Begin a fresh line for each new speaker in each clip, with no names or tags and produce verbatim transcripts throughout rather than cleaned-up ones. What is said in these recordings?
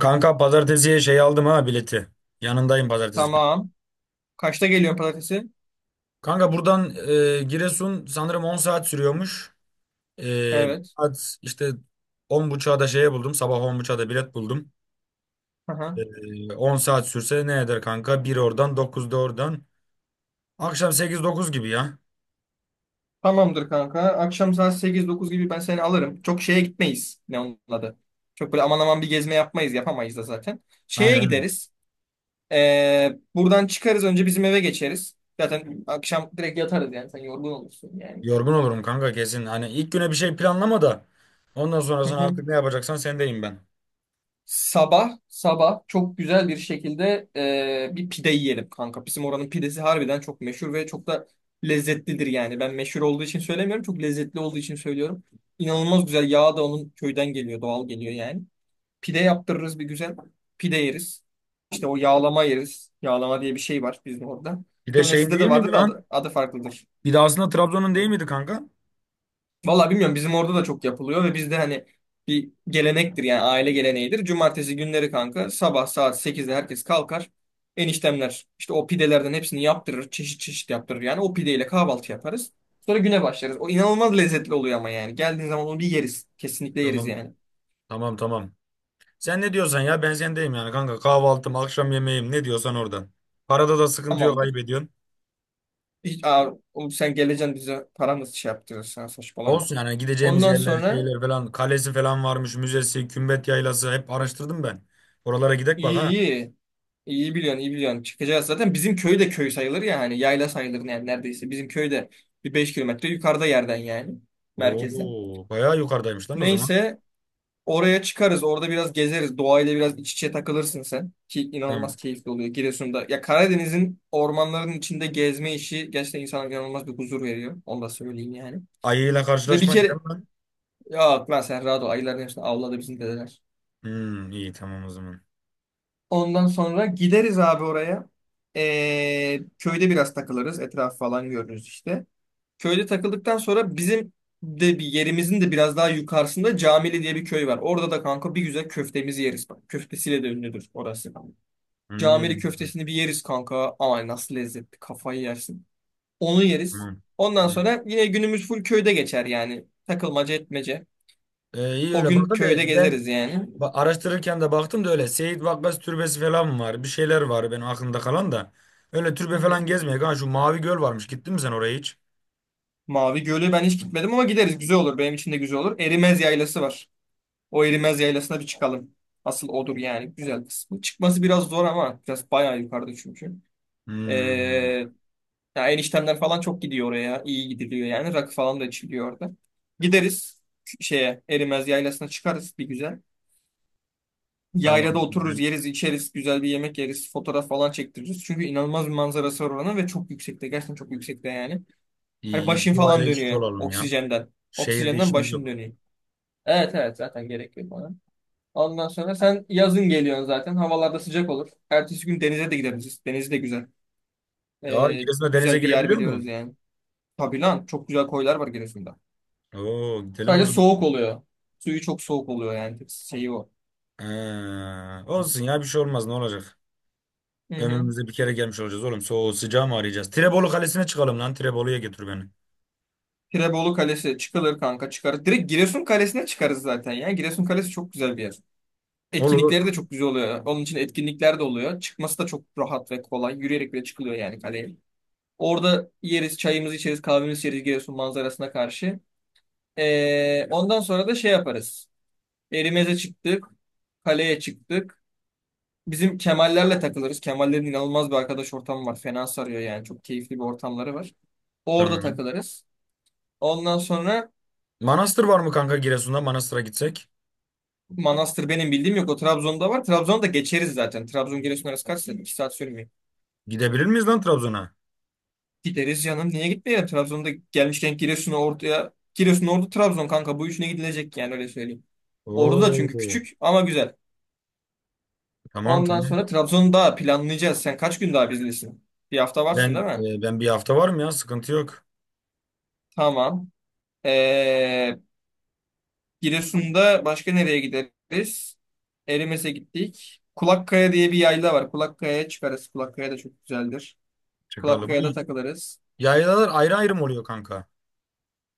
Kanka pazartesiye şey aldım ha bileti. Yanındayım pazartesi gün.
Tamam. Kaçta geliyorsun pazartesi?
Kanka buradan e, Giresun sanırım on saat sürüyormuş. E,
Evet.
saat işte on buçuğa da şeye buldum. Sabah on buçuğa da bilet buldum.
Aha.
E, on saat sürse ne eder kanka? Bir oradan dokuzda oradan. Akşam sekiz dokuz gibi ya.
Tamamdır kanka. Akşam saat sekiz dokuz gibi ben seni alırım. Çok şeye gitmeyiz. Ne onun adı? Çok böyle aman aman bir gezme yapmayız. Yapamayız da zaten.
Aynen.
Şeye
Aynen.
gideriz. Ee, buradan çıkarız. Önce bizim eve geçeriz. Zaten akşam direkt yatarız yani. Sen yorgun olursun yani.
Yorgun olurum kanka kesin. Hani ilk güne bir şey planlama da. Ondan sonrasını artık ne yapacaksan sendeyim ben.
Sabah sabah çok güzel bir şekilde e, bir pide yiyelim kanka. Bizim oranın pidesi harbiden çok meşhur ve çok da lezzetlidir yani. Ben meşhur olduğu için söylemiyorum. Çok lezzetli olduğu için söylüyorum. İnanılmaz güzel. Yağ da onun köyden geliyor. Doğal geliyor yani. Pide yaptırırız bir güzel. Pide yeriz. İşte o yağlama yeriz. Yağlama diye bir şey var bizim orada.
Bir de
Muhtemelen
şeyin
sizde
değil
de
miydi
vardı da
lan?
adı, adı farklıdır.
Bir de aslında Trabzon'un değil miydi kanka?
Vallahi bilmiyorum bizim orada da çok yapılıyor ve bizde hani bir gelenektir yani aile geleneğidir. Cumartesi günleri kanka sabah saat sekizde herkes kalkar. Eniştemler işte o pidelerden hepsini yaptırır. Çeşit çeşit yaptırır yani o pideyle kahvaltı yaparız. Sonra güne başlarız. O inanılmaz lezzetli oluyor ama yani. Geldiğin zaman onu bir yeriz. Kesinlikle yeriz
Tamam.
yani.
Tamam, tamam. Sen ne diyorsan ya ben sendeyim yani kanka. Kahvaltım, akşam yemeğim ne diyorsan oradan. Parada da sıkıntı yok
Tamamdır.
kaybediyorsun.
Hiç, aa, oğlum sen geleceksin bize paramız şey yaptırırsan saçmalama.
Olsun yani, gideceğimiz
Ondan
yerler,
sonra
şeyler falan, kalesi falan varmış, müzesi, Kümbet Yaylası hep araştırdım ben. Oralara gidek bak
iyi
ha.
iyi. İyi biliyorsun, iyi biliyorsun. Çıkacağız zaten. Bizim köy de köy sayılır ya hani yayla sayılır yani neredeyse. Bizim köyde bir beş kilometre yukarıda yerden yani merkezden.
Oo, bayağı yukarıdaymış lan o zaman.
Neyse oraya çıkarız. Orada biraz gezeriz. Doğayla biraz iç içe takılırsın sen. Ki inanılmaz
Tamam.
keyifli oluyor Giresun'da. Ya Karadeniz'in ormanların içinde gezme işi gerçekten insana inanılmaz bir huzur veriyor. Onu da söyleyeyim yani.
Ayıyla
Ve bir
karşılaşmayız
kere
değil mi lan?
ya lan sen rahat ol. Ayıların hepsini avladı bizim dedeler.
Hmm, iyi tamam o zaman.
Ondan sonra gideriz abi oraya. Ee, köyde biraz takılırız. Etraf falan görürüz işte. Köyde takıldıktan sonra bizim de bir yerimizin de biraz daha yukarısında Camili diye bir köy var. Orada da kanka bir güzel köftemizi yeriz. Bak köftesiyle de ünlüdür orası.
Hmm,
Camili köftesini bir yeriz kanka. Ay nasıl lezzetli kafayı yersin. Onu yeriz.
tamam.
Ondan
Hmm.
sonra yine günümüz full köyde geçer yani. Takılmaca etmece.
Ee, iyi
O
öyle
gün
burada
köyde
da ben
gezeriz yani.
Ba- araştırırken de baktım da öyle Seyit Vakkas Türbesi falan var. Bir şeyler var benim aklımda kalan da. Öyle türbe falan gezmeye. Ha şu Mavi Göl varmış. Gittin mi sen oraya hiç?
Mavi Gölü ben hiç gitmedim ama gideriz. Güzel olur. Benim için de güzel olur. Erimez Yaylası var. O Erimez Yaylası'na bir çıkalım. Asıl odur yani. Güzel kısmı. Çıkması biraz zor ama biraz bayağı yukarıda çünkü.
Hmm.
Ee, Ya eniştemler falan çok gidiyor oraya. İyi gidiliyor yani. Rakı falan da içiliyor orada. Gideriz şeye Erimez Yaylası'na çıkarız bir güzel.
Tamam.
Yaylada otururuz,
Güzel.
yeriz, içeriz, güzel bir yemek yeriz, fotoğraf falan çektiririz. Çünkü inanılmaz bir manzarası var oranın ve çok yüksekte. Gerçekten çok yüksekte yani. Hani
İyi, iyi.
başın
Doğayla
falan
iç içe
dönüyor
olalım ya.
oksijenden.
Şehirde
Oksijenden
işimiz
başın
yok.
dönüyor. Evet evet zaten gerek yok ona. Ondan sonra sen yazın geliyorsun zaten. Havalarda sıcak olur. Ertesi gün denize de gideriz. Deniz de güzel.
Ya
Ee,
Giresun'da denize
Güzel bir yer
girebiliyor mu?
biliyoruz yani. Tabii lan çok güzel koylar var Giresun'da.
Oo, gidelim o
Sadece
zaman.
soğuk oluyor. Suyu çok soğuk oluyor yani. Tek şeyi o.
Ha, olsun ya, bir şey olmaz ne olacak?
Hı hı.
Ömrümüzde bir kere gelmiş olacağız oğlum. Soğuğu sıcağı mı arayacağız? Tirebolu Kalesi'ne çıkalım lan. Tirebolu'ya getir beni.
Tirebolu Kalesi çıkılır kanka çıkarız. Direkt Giresun Kalesi'ne çıkarız zaten ya. Giresun Kalesi çok güzel bir yer.
Olur.
Etkinlikleri de çok güzel oluyor. Onun için etkinlikler de oluyor. Çıkması da çok rahat ve kolay. Yürüyerek bile çıkılıyor yani kaleye. Orada yeriz, çayımızı içeriz, kahvemizi içeriz Giresun manzarasına karşı. Ee, ondan sonra da şey yaparız. Erimeze çıktık, kaleye çıktık. Bizim Kemallerle takılırız. Kemallerin inanılmaz bir arkadaş ortamı var. Fena sarıyor yani. Çok keyifli bir ortamları var. Orada
Tamam.
takılırız. Ondan sonra
Manastır var mı kanka Giresun'da? Manastır'a gitsek.
Manastır benim bildiğim yok. O Trabzon'da var. Trabzon'da geçeriz zaten. Trabzon Giresun arası kaç saat? iki saat sürmüyor.
Gidebilir miyiz lan Trabzon'a?
Gideriz canım. Niye gitmeyelim? Trabzon'da gelmişken Giresun'a ortaya. Giresun, Ordu, Trabzon kanka. Bu üçüne gidilecek yani öyle söyleyeyim. Ordu da çünkü
Oo.
küçük ama güzel.
Tamam,
Ondan
tamam.
sonra Trabzon'u daha planlayacağız. Sen kaç gün daha bizdesin? Bir hafta varsın
Ben
değil mi?
e, ben bir hafta varım ya, sıkıntı yok.
Tamam. Ee, Giresun'da başka nereye gideriz? Erimes'e gittik. Kulakkaya diye bir yayla var. Kulakkaya'ya çıkarız. Kulakkaya da çok güzeldir.
Çıkalım. Bu
Kulakkaya'da takılırız.
yaylalar ayrı ayrı mı oluyor kanka?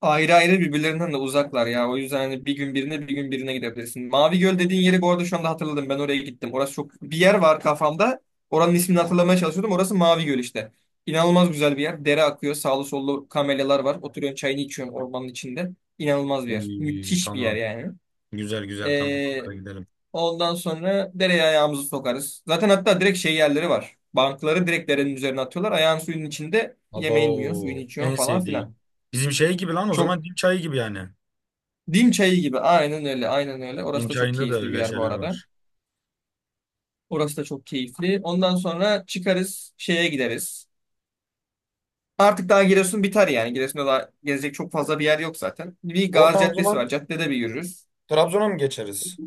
Ayrı ayrı birbirlerinden de uzaklar ya. O yüzden hani bir gün birine bir gün birine gidebilirsin. Mavi Göl dediğin yeri bu arada şu anda hatırladım. Ben oraya gittim. Orası çok bir yer var kafamda. Oranın ismini hatırlamaya çalışıyordum. Orası Mavi Göl işte. İnanılmaz güzel bir yer. Dere akıyor. Sağlı sollu kamelyalar var. Oturuyorsun çayını içiyorsun ormanın içinde. İnanılmaz bir yer.
Oy,
Müthiş bir yer
tamam.
yani.
Güzel, güzel, tamam.
Ee,
Hadi gidelim.
Ondan sonra dereye ayağımızı sokarız. Zaten hatta direkt şey yerleri var. Bankları direkt derenin üzerine atıyorlar. Ayağın suyun içinde yemeğini yiyorsun, suyunu
Abo,
içiyorsun
en
falan filan.
sevdiğim. Bizim şey gibi lan o
Çok
zaman, dim çayı gibi yani.
Dim çayı gibi. Aynen öyle. Aynen öyle.
Dim
Orası da çok
çayında da
keyifli bir
öyle
yer bu
şeyler
arada.
var.
Orası da çok keyifli. Ondan sonra çıkarız şeye gideriz. Artık daha Giresun biter yani. Giresun'da daha gezecek çok fazla bir yer yok zaten. Bir Gazi
Oradan o
Caddesi
zaman
var. Caddede bir yürürüz.
Trabzon'a mı geçeriz?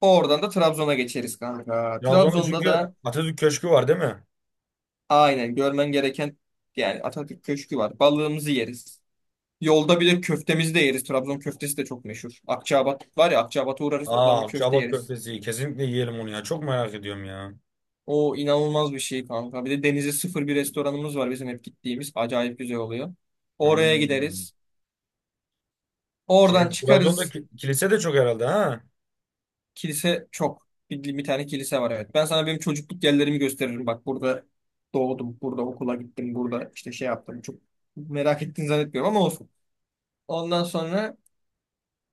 Oradan da Trabzon'a geçeriz kanka.
Trabzon'da
Trabzon'da
çünkü
da
Atatürk Köşkü var değil mi?
aynen görmen gereken yani Atatürk Köşkü var. Balığımızı yeriz. Yolda bir de köftemizi de yeriz. Trabzon köftesi de çok meşhur. Akçaabat var ya Akçaabat'a uğrarız. Oradan
Aa,
bir köfte
Akçaabat
yeriz.
köftesi. Kesinlikle yiyelim onu ya. Çok merak ediyorum ya.
O inanılmaz bir şey kanka. Bir de denize sıfır bir restoranımız var bizim hep gittiğimiz. Acayip güzel oluyor. Oraya
Hmm.
gideriz.
Şey,
Oradan
Trabzon'da
çıkarız.
ki- kilise de çok herhalde ha.
Kilise çok. Bir, bir tane kilise var evet. Ben sana benim çocukluk yerlerimi gösteririm. Bak burada doğdum. Burada okula gittim. Burada işte şey yaptım. Çok merak ettiğini zannetmiyorum ama olsun. Ondan sonra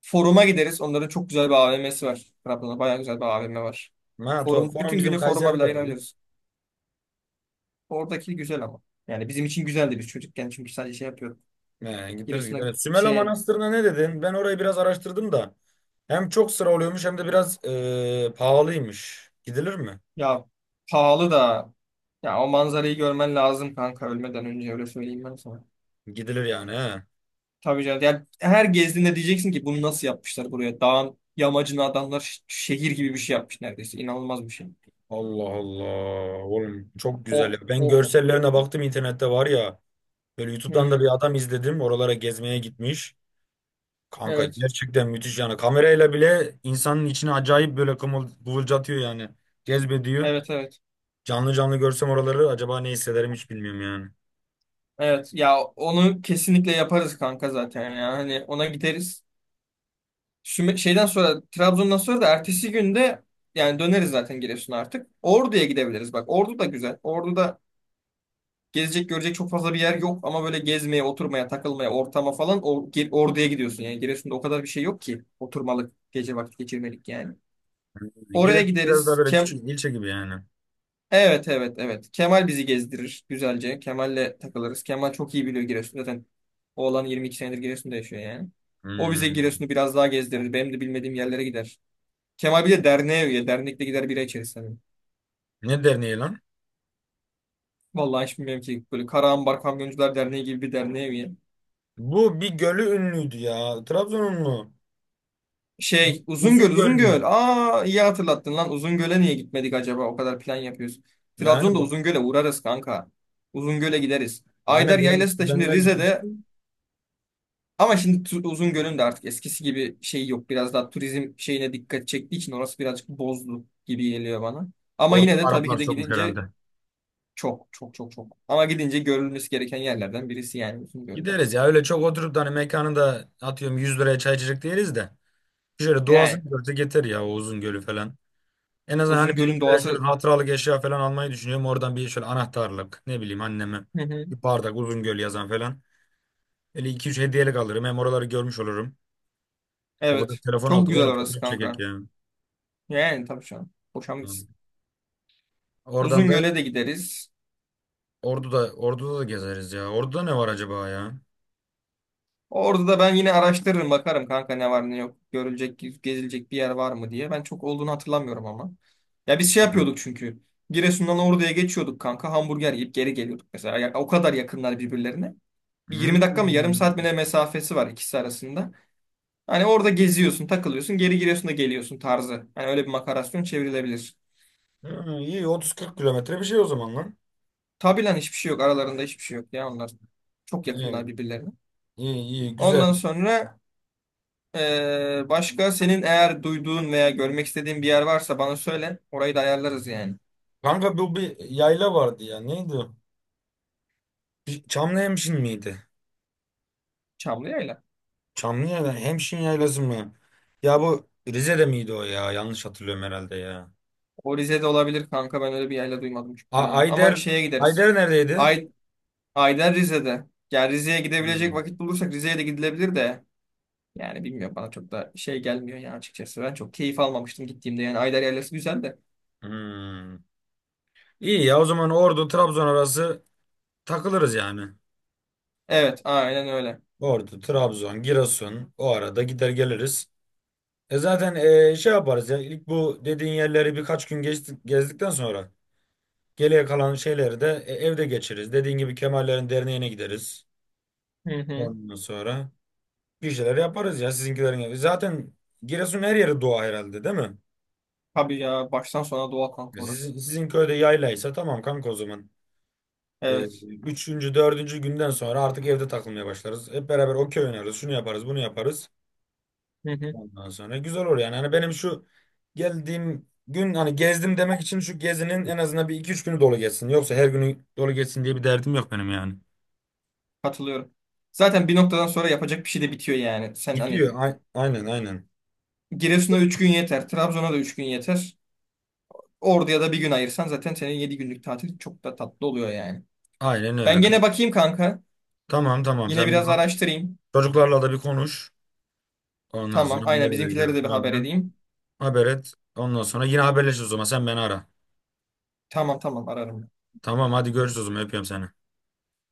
foruma gideriz. Onların çok güzel bir A V M'si var. Trabzon'da bayağı güzel bir A V M var.
Ha, to-
Forum,
forum
bütün
bizim
günü foruma
Kayseri'de
bile
de var ya.
ayırabiliriz. Oradaki güzel ama. Yani bizim için güzeldi biz çocukken çünkü sadece şey yapıyorduk.
He, gideriz gideriz.
Giresun'a
Evet, Sümela
şey
Manastırı'na ne dedin? Ben orayı biraz araştırdım da. Hem çok sıra oluyormuş, hem de biraz e, pahalıymış. Gidilir mi?
ya pahalı da ya o manzarayı görmen lazım kanka ölmeden önce öyle söyleyeyim ben sana.
Gidilir yani he.
Tabii canım. Ya her gezdiğinde diyeceksin ki bunu nasıl yapmışlar buraya? Dağın yamacına adamlar ş- şehir gibi bir şey yapmış neredeyse. İnanılmaz bir şey.
Allah Allah. Oğlum çok
O
güzel ya. Ben
o
görsellerine baktım internette var ya. Böyle YouTube'dan da bir
Hmm,
adam izledim. Oralara gezmeye gitmiş. Kanka
evet.
gerçekten müthiş yani. Kamerayla bile insanın içine acayip böyle kımıl, kıvılcatıyor yani. Cezbediyor.
Evet evet.
Canlı canlı görsem oraları acaba ne hissederim hiç bilmiyorum yani.
Evet ya onu kesinlikle yaparız kanka zaten ya. Hani ona gideriz. Süme- şeyden sonra Trabzon'dan sonra da ertesi günde yani döneriz zaten Giresun'a artık. Ordu'ya gidebiliriz bak. Ordu da güzel. Ordu'da gezecek görecek çok fazla bir yer yok ama böyle gezmeye, oturmaya, takılmaya, ortama falan o, Gi- Ordu'ya gidiyorsun. Yani Giresun'da o kadar bir şey yok ki oturmalık, gece vakit geçirmelik yani. Oraya
Giresun biraz daha
gideriz.
böyle
Kem
küçük bir ilçe gibi yani.
Evet evet evet. Kemal bizi gezdirir güzelce. Kemal'le takılırız. Kemal çok iyi biliyor Giresun. Zaten oğlan yirmi iki senedir Giresun'da yaşıyor yani. O bize
Hmm.
Giresun'u biraz daha gezdirir. Benim de bilmediğim yerlere gider. Kemal bir de derneğe üye. Dernekte gider bira içeriz. Hani.
Ne derneği lan?
Vallahi hiç bilmiyorum ki. Böyle Karaambar Kamyoncular Derneği gibi bir derneğe üye.
Bu bir gölü ünlüydü ya. Trabzon'un mu?
Şey Uzungöl
Uzun göl.
Uzungöl. Aa iyi hatırlattın lan. Uzungöl'e niye gitmedik acaba? O kadar plan yapıyoruz.
Yani
Trabzon'da
bak.
Uzungöl'e uğrarız kanka. Uzungöl'e gideriz. Ayder
Aynen, benim
Yaylası da şimdi
kuzenler gitmişti.
Rize'de ama şimdi Tu- Uzungöl'ün de artık eskisi gibi şey yok. Biraz daha turizm şeyine dikkat çektiği için orası birazcık bozdu gibi geliyor bana. Ama
Orada
yine
da
de tabii
Araplar
ki de
sokmuş
gidince
herhalde.
çok çok çok çok. Ama gidince görülmesi gereken yerlerden birisi yani Uzungöl'de.
Gideriz ya, öyle çok oturup da hani mekanı da atıyorum yüz liraya çay içecek değiliz de. Şöyle
Yani
doğasını görse yeter ya, o uzun gölü falan. En azından hani
Uzungöl'ün
bizimkilere şöyle
doğası.
hatıralık eşya falan almayı düşünüyorum. Oradan bir şöyle anahtarlık, ne bileyim, anneme
Hı hı.
bir bardak Uzungöl yazan falan. Öyle iki üç hediyelik alırım. Hem oraları görmüş olurum. O kadar
Evet,
telefon
çok
aldık
güzel
oğlum,
orası
fotoğraf çekek
kanka.
ya.
Yani tabii şu an. Boşan
Hı. Oradan da
Uzungöl'e de gideriz.
Ordu'da Ordu'da da gezeriz ya. Ordu'da ne var acaba ya?
Orada da ben yine araştırırım bakarım kanka ne var ne yok. Görülecek, gezilecek bir yer var mı diye. Ben çok olduğunu hatırlamıyorum ama. Ya biz şey
Hı.
yapıyorduk çünkü. Giresun'dan Ordu'ya geçiyorduk kanka. Hamburger yiyip geri geliyorduk mesela. Ya, o kadar yakınlar birbirlerine. Bir
Hmm.
yirmi dakika mı yarım saat mi ne mesafesi var ikisi arasında. Hani orada geziyorsun, takılıyorsun, geri Giresun'da geliyorsun tarzı. Hani öyle bir makarasyon çevrilebilir.
Hı, iyi otuz kırk kilometre bir şey o zaman lan.
Tabi lan hiçbir şey yok. Aralarında hiçbir şey yok ya onlar. Çok yakınlar
İyi,
birbirlerine.
iyi, iyi, güzel.
Ondan sonra Ee, başka senin eğer duyduğun veya görmek istediğin bir yer varsa bana söyle. Orayı da ayarlarız yani.
Kanka bu bir yayla vardı ya. Neydi o? Bir- Çamlıhemşin miydi?
Çamlıyayla.
Çamlıca'da Hemşin Yaylası mı? Ya bu Rize'de miydi o ya? Yanlış hatırlıyorum herhalde ya.
O Rize'de olabilir kanka ben öyle bir yerle duymadım çünkü
A-
ya. Ama
Ayder,
şeye gideriz.
Ayder neredeydi?
Ay Ayden Rize'de. Yani Rize'ye gidebilecek
Hmm.
vakit bulursak Rize'ye de gidilebilir de. Yani bilmiyorum bana çok da şey gelmiyor ya açıkçası. Ben çok keyif almamıştım gittiğimde yani Ayder yaylası güzel de.
Hmm. İyi ya, o zaman Ordu Trabzon arası takılırız yani.
Evet aynen öyle.
Ordu, Trabzon, Giresun o arada gider geliriz. E zaten e, şey yaparız ya, ilk bu dediğin yerleri birkaç gün geçtik, gezdikten sonra geriye kalan şeyleri de e, evde geçiririz. Dediğin gibi Kemallerin derneğine gideriz.
Hı hı.
Ondan sonra. Bir şeyler yaparız ya sizinkilerin evi. Zaten Giresun her yeri doğa herhalde değil mi?
Tabii ya baştan sona doğa
Ya
kanka
Sizin,
orası.
sizin köyde yaylaysa tamam kanka o zaman. Ee,
Evet.
üçüncü, dördüncü günden sonra artık evde takılmaya başlarız. Hep beraber okey oynarız. Şunu yaparız, bunu yaparız.
Hı hı.
Ondan sonra güzel olur yani. Hani benim şu geldiğim gün hani gezdim demek için şu gezinin en azından bir iki üç günü dolu geçsin. Yoksa her günü dolu geçsin diye bir derdim yok benim yani.
Katılıyorum. Zaten bir noktadan sonra yapacak bir şey de bitiyor yani. Sen hani
Gidiyor. Ay- aynen, aynen.
Giresun'a üç gün yeter, Trabzon'a da üç gün yeter. Ordu'ya da bir gün ayırsan zaten senin yedi günlük tatil çok da tatlı oluyor yani.
Aynen öyle.
Ben gene bakayım kanka.
Tamam, tamam,
Yine
sen bir
biraz
bak.
araştırayım.
Çocuklarla da bir konuş. Ondan
Tamam,
sonra
aynen
nereye
bizimkilere
gideriz
de bir
falan
haber
filan.
edeyim.
Haber et. Ondan sonra yine haberleşiriz o zaman. Sen beni ara.
Tamam tamam ararım.
Tamam, hadi görüşürüz o zaman. Öpüyorum seni.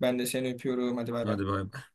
Ben de seni öpüyorum. Hadi bay bay.
Hadi bay bay.